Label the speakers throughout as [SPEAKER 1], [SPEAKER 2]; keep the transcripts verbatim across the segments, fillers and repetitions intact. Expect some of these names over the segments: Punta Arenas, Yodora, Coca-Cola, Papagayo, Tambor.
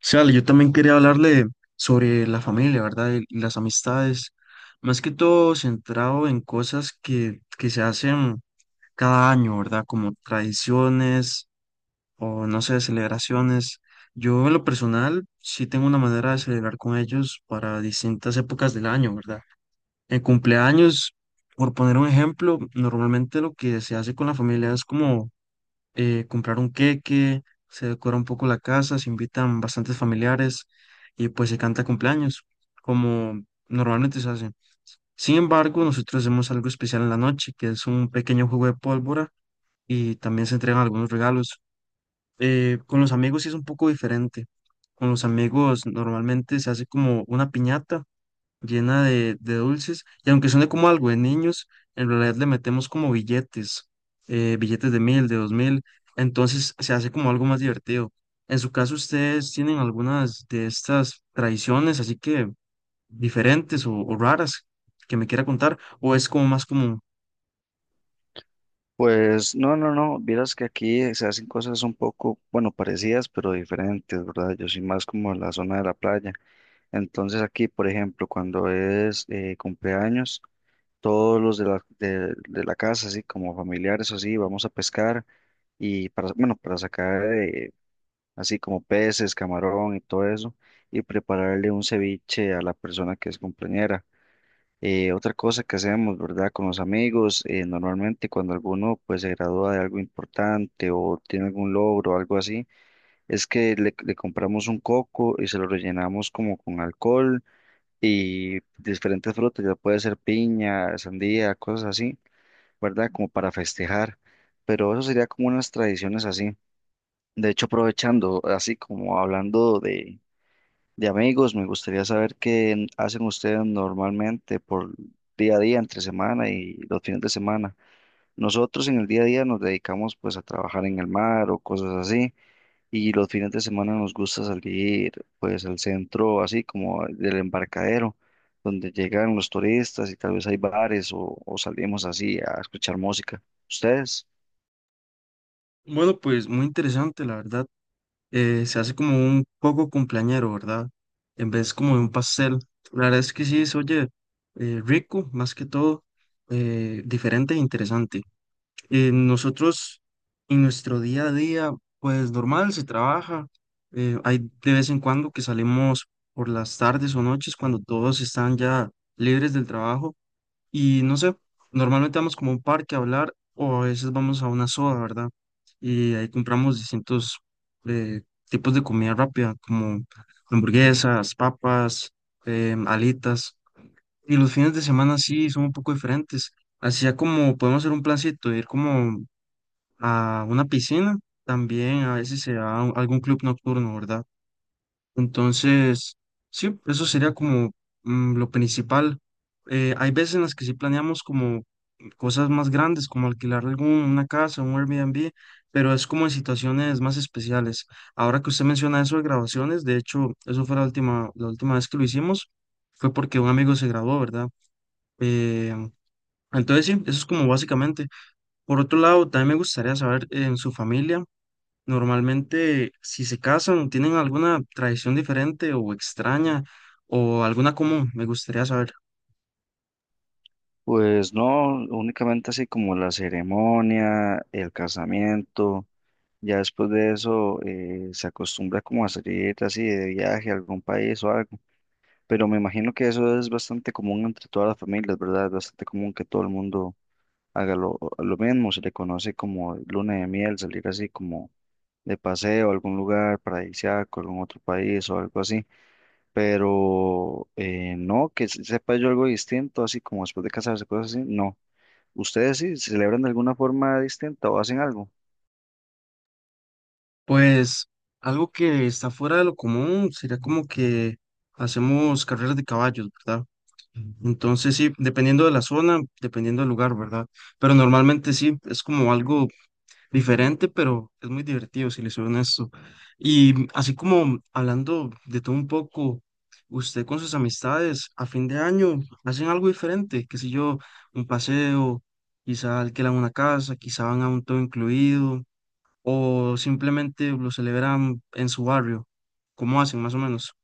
[SPEAKER 1] Sí, vale, yo también quería hablarle sobre la familia, ¿verdad? Y y las amistades, más que todo centrado en cosas que, que se hacen cada año, ¿verdad? Como tradiciones o, no sé, celebraciones. Yo en lo personal sí tengo una manera de celebrar con ellos para distintas épocas del año, ¿verdad? En cumpleaños, por poner un ejemplo, normalmente lo que se hace con la familia es como eh, comprar un queque, se decora un poco la casa, se invitan bastantes familiares y pues se canta cumpleaños, como normalmente se hace. Sin embargo, nosotros hacemos algo especial en la noche, que es un pequeño juego de pólvora y también se entregan algunos regalos. Eh, con los amigos sí es un poco diferente. Con los amigos normalmente se hace como una piñata llena de, de dulces, y aunque suene como algo de niños, en realidad le metemos como billetes, eh, billetes de mil, de dos mil, entonces se hace como algo más divertido. En su caso, ¿ustedes tienen algunas de estas tradiciones así que diferentes o, o raras que me quiera contar, o es como más común?
[SPEAKER 2] Pues no, no, no, vieras que aquí eh, se hacen cosas un poco, bueno, parecidas, pero diferentes, ¿verdad? Yo soy más como en la zona de la playa. Entonces aquí, por ejemplo, cuando es eh, cumpleaños, todos los de la, de, de la casa, así como familiares o así, vamos a pescar y para, bueno, para sacar eh, así como peces, camarón y todo eso, y prepararle un ceviche a la persona que es cumpleañera. Eh, otra cosa que hacemos, ¿verdad? Con los amigos, eh, normalmente cuando alguno pues se gradúa de algo importante o tiene algún logro o algo así, es que le, le compramos un coco y se lo rellenamos como con alcohol y diferentes frutas, ya puede ser piña, sandía, cosas así, ¿verdad? Como para festejar, pero eso sería como unas tradiciones así. De hecho, aprovechando, así como hablando de de amigos, me gustaría saber qué hacen ustedes normalmente por día a día, entre semana y los fines de semana. Nosotros en el día a día nos dedicamos pues a trabajar en el mar o cosas así y los fines de semana nos gusta salir pues al centro así como del embarcadero donde llegan los turistas y tal vez hay bares o, o salimos así a escuchar música. ¿Ustedes?
[SPEAKER 1] Bueno, pues muy interesante, la verdad. eh, se hace como un poco cumpleañero, ¿verdad? En vez como de un pastel. La verdad es que sí, se oye eh, rico, más que todo, eh, diferente e interesante. Eh, nosotros, en nuestro día a día, pues normal, se trabaja. eh, hay de vez en cuando que salimos por las tardes o noches cuando todos están ya libres del trabajo y no sé, normalmente vamos como a un parque a hablar o a veces vamos a una soda, ¿verdad? Y ahí compramos distintos eh, tipos de comida rápida, como hamburguesas, papas, eh, alitas. Y los fines de semana sí son un poco diferentes. Así ya como podemos hacer un plancito, de ir como a una piscina, también a veces se da a algún club nocturno, ¿verdad? Entonces, sí, eso sería como mm, lo principal. Eh, hay veces en las que sí planeamos como cosas más grandes, como alquilar alguna casa, un Airbnb, pero es como en situaciones más especiales. Ahora que usted menciona eso de graduaciones, de hecho, eso fue la última, la última vez que lo hicimos, fue porque un amigo se graduó, ¿verdad? Eh, entonces, sí, eso es como básicamente. Por otro lado, también me gustaría saber en su familia. Normalmente, si se casan, ¿tienen alguna tradición diferente o extraña o alguna común? Me gustaría saber.
[SPEAKER 2] Pues no, únicamente así como la ceremonia, el casamiento. Ya después de eso eh, se acostumbra como a salir así de viaje a algún país o algo. Pero me imagino que eso es bastante común entre todas las familias, ¿verdad? Es bastante común que todo el mundo haga lo, lo mismo. Se le conoce como luna de miel, salir así como de paseo a algún lugar paradisíaco, algún otro país o algo así. Pero eh, no, que se- sepa yo algo distinto, así como después de casarse, cosas así. No. ¿Ustedes sí celebran de alguna forma distinta o hacen algo?
[SPEAKER 1] Pues algo que está fuera de lo común sería como que hacemos carreras de caballos, ¿verdad? Entonces, sí, dependiendo de la zona, dependiendo del lugar, ¿verdad? Pero normalmente sí, es como algo diferente, pero es muy divertido, si le soy honesto. Y así como hablando de todo un poco, usted con sus amistades a fin de año hacen algo diferente, qué sé yo, un paseo, quizá alquilan una casa, quizá van a un todo incluido, o simplemente lo celebran en su barrio. ¿Cómo hacen más o menos?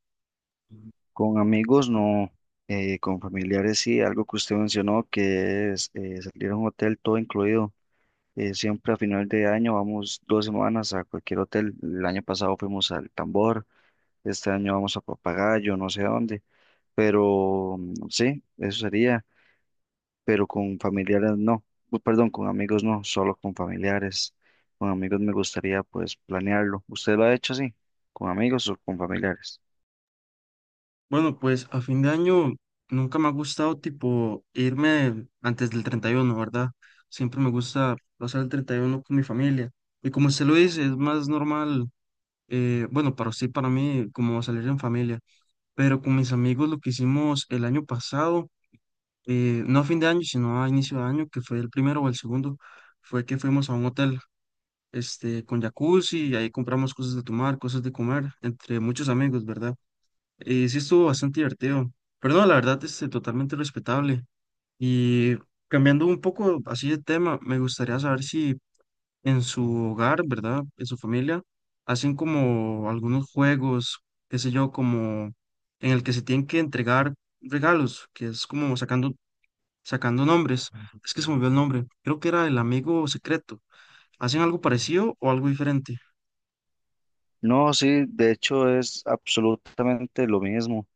[SPEAKER 2] Con amigos no, eh, con familiares sí, algo que usted mencionó que es eh, salir a un hotel todo incluido. Eh, siempre a final de año vamos dos semanas a cualquier hotel. El año pasado fuimos al Tambor, este año vamos a Papagayo, no sé a dónde, pero mm, sí, eso sería, pero con familiares no, Bu- perdón, con amigos no, solo con familiares. Con amigos me gustaría pues planearlo. ¿Usted lo ha hecho así? ¿Con amigos o con familiares?
[SPEAKER 1] Bueno, pues a fin de año nunca me ha gustado tipo irme antes del treinta y uno, ¿verdad? Siempre me gusta pasar el treinta y uno con mi familia. Y como usted lo dice, es más normal, eh, bueno, para usted y para mí, como salir en familia. Pero con mis amigos lo que hicimos el año pasado, eh, no a fin de año, sino a inicio de año, que fue el primero o el segundo, fue que fuimos a un hotel, este, con jacuzzi y ahí compramos cosas de tomar, cosas de comer, entre muchos amigos, ¿verdad? Eh, sí estuvo bastante divertido. Pero no, la verdad, este, totalmente respetable. Y cambiando un poco así de tema, me gustaría saber si en su hogar, ¿verdad? En su familia, hacen como algunos juegos, qué sé yo, como en el que se tienen que entregar regalos, que es como sacando, sacando nombres. Es que se me olvidó el nombre. Creo que era el amigo secreto. ¿Hacen algo parecido o algo diferente?
[SPEAKER 2] No, sí, de hecho es absolutamente lo mismo.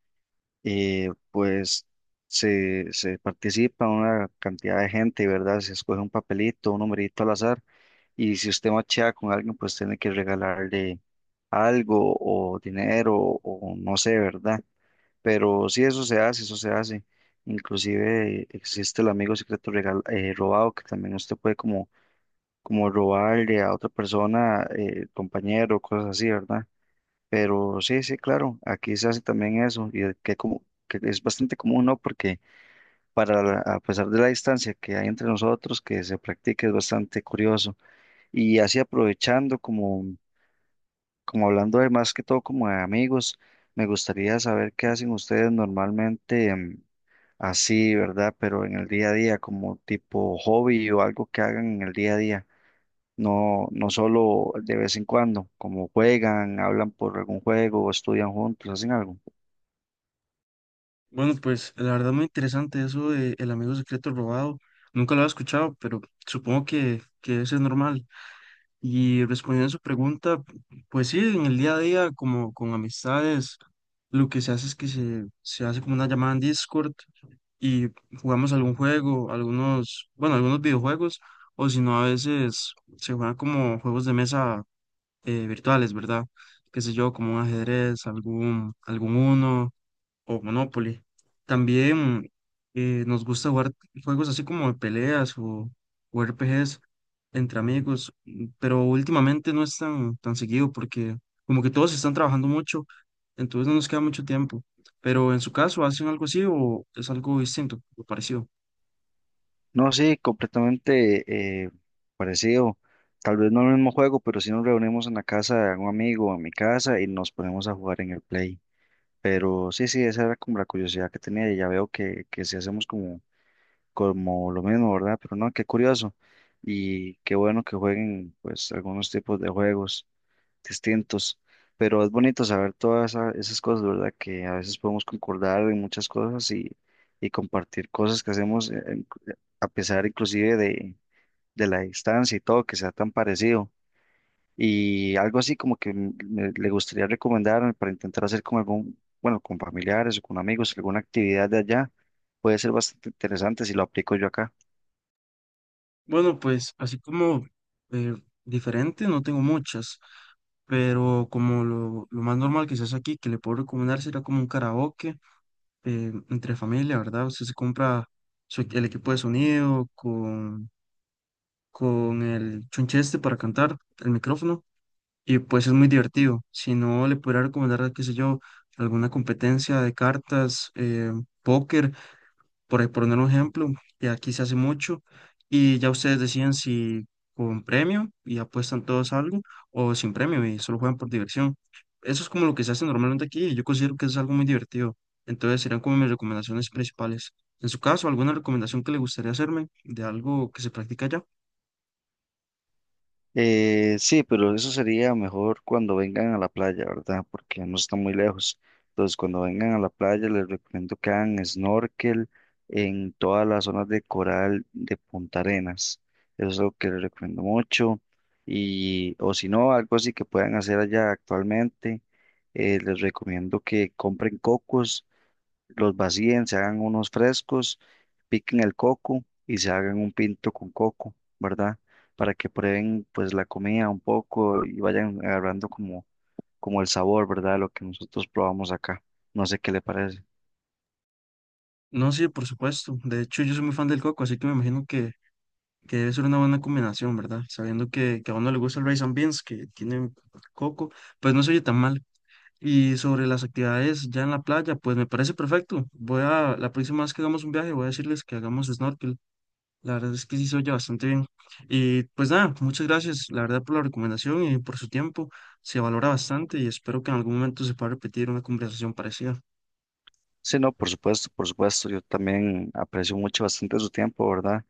[SPEAKER 2] Eh, pues se, se participa una cantidad de gente, ¿verdad? Se escoge un papelito, un numerito al azar, y si usted machea con alguien, pues tiene que regalarle algo o dinero o no sé, ¿verdad? Pero sí, eso se hace, eso se hace. Inclusive eh, existe el amigo secreto regal- eh, robado, que también usted puede como, como robarle a otra persona, eh, compañero, cosas así, ¿verdad? Pero sí, sí, claro, aquí se hace también eso y que, como, que es bastante común, ¿no? Porque para la- a pesar de la distancia que hay entre nosotros, que se practique es bastante curioso. Y así aprovechando, como, como hablando de más que todo como de amigos, me gustaría saber qué hacen ustedes normalmente em, así, ¿verdad? Pero en el día a día, como tipo hobby o algo que hagan en el día a día. No, no solo de vez en cuando, como juegan, hablan por algún juego o estudian juntos, hacen algo.
[SPEAKER 1] Bueno, pues la verdad muy interesante eso de El amigo secreto robado. Nunca lo había escuchado, pero supongo que, que eso es normal. Y respondiendo a su pregunta, pues sí, en el día a día, como con amistades, lo que se hace es que se, se hace como una llamada en Discord y jugamos algún juego, algunos, bueno, algunos videojuegos, o si no, a veces se juegan como juegos de mesa eh, virtuales, ¿verdad? Qué sé yo, como un ajedrez, algún, algún uno o Monopoly. También eh, nos gusta jugar juegos así como de peleas o, o, R P Gs entre amigos, mm, pero últimamente no es tan, tan seguido porque como que todos están trabajando mucho, entonces no nos queda mucho tiempo. Pero en su caso, ¿hacen algo así o es algo distinto o parecido?
[SPEAKER 2] No, sí, completamente eh, parecido. Tal vez no el mismo juego, pero sí nos reunimos en la casa de algún amigo o en mi casa y nos ponemos a jugar en el Play. Pero sí, sí, esa era como la curiosidad que tenía y ya veo que, que sí hacemos como, como lo mismo, ¿verdad? Pero no, qué curioso y qué bueno que jueguen pues algunos tipos de juegos distintos, pero es bonito saber todas esa- esas cosas, ¿verdad? Que a veces podemos concordar en muchas cosas y, y compartir cosas que hacemos eh, en- eh, a pesar inclusive de, de la distancia y todo, que sea tan parecido. Y algo así como que m- me- le gustaría recomendar para intentar hacer con algún, bueno, con familiares o con amigos, alguna actividad de allá, puede ser bastante interesante si lo aplico yo acá.
[SPEAKER 1] Bueno, pues así como eh, diferente, no tengo muchas, pero como lo, lo más normal que se hace aquí, que le puedo recomendar, sería como un karaoke eh, entre familia, ¿verdad? Usted se compra su- el equipo de sonido con, con el chuncheste para cantar, el micrófono, y pues es muy divertido. Si no, le podría recomendar, qué sé yo, alguna competencia de cartas, eh, póker, por ahí poner un ejemplo, que aquí se hace mucho, y ya ustedes deciden si con premio y apuestan todos a algo o sin premio y solo juegan por diversión. Eso es como lo que se hace normalmente aquí y yo considero que es algo muy divertido. Entonces serían como mis recomendaciones principales. En su caso, ¿alguna recomendación que le gustaría hacerme de algo que se practica allá?
[SPEAKER 2] Eh, sí, pero eso sería mejor cuando vengan a la playa, ¿verdad? Porque no está muy lejos. Entonces, cuando vengan a la playa, les recomiendo que hagan snorkel en todas las zonas de coral de Punta Arenas. Eso es lo que les recomiendo mucho. Y, o si no, algo así que puedan hacer allá actualmente, eh, les recomiendo que compren cocos, los vacíen, se hagan unos frescos, piquen el coco y se hagan un pinto con coco, ¿verdad? Para que prueben pues la comida un poco y vayan agarrando como, como el sabor, ¿verdad? Lo que nosotros probamos acá. No sé qué le parece.
[SPEAKER 1] No, sí, por supuesto. De hecho, yo soy muy fan del coco, así que me imagino que que debe ser una buena combinación, ¿verdad? Sabiendo que, que a uno le gusta el rice and beans, que tiene coco, pues no se oye tan mal. Y sobre las actividades ya en la playa, pues me parece perfecto. Voy a, la próxima vez que hagamos un viaje, voy a decirles que hagamos snorkel. La verdad es que sí se oye bastante bien. Y pues nada, muchas gracias, la verdad, por la recomendación y por su tiempo. Se valora bastante y espero que en algún momento se pueda repetir una conversación parecida.
[SPEAKER 2] Sí, no, por supuesto, por supuesto, yo también aprecio mucho bastante su tiempo, ¿verdad?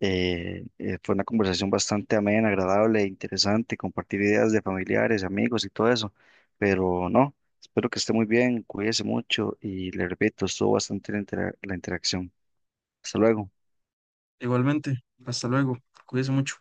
[SPEAKER 2] Eh, eh, fue una conversación bastante amena, agradable, interesante, compartir ideas de familiares, amigos y todo eso. Pero no, espero que esté muy bien, cuídese mucho y le repito, estuvo bastante la intera- la interacción. Hasta luego.
[SPEAKER 1] Igualmente, hasta luego. Cuídense mucho.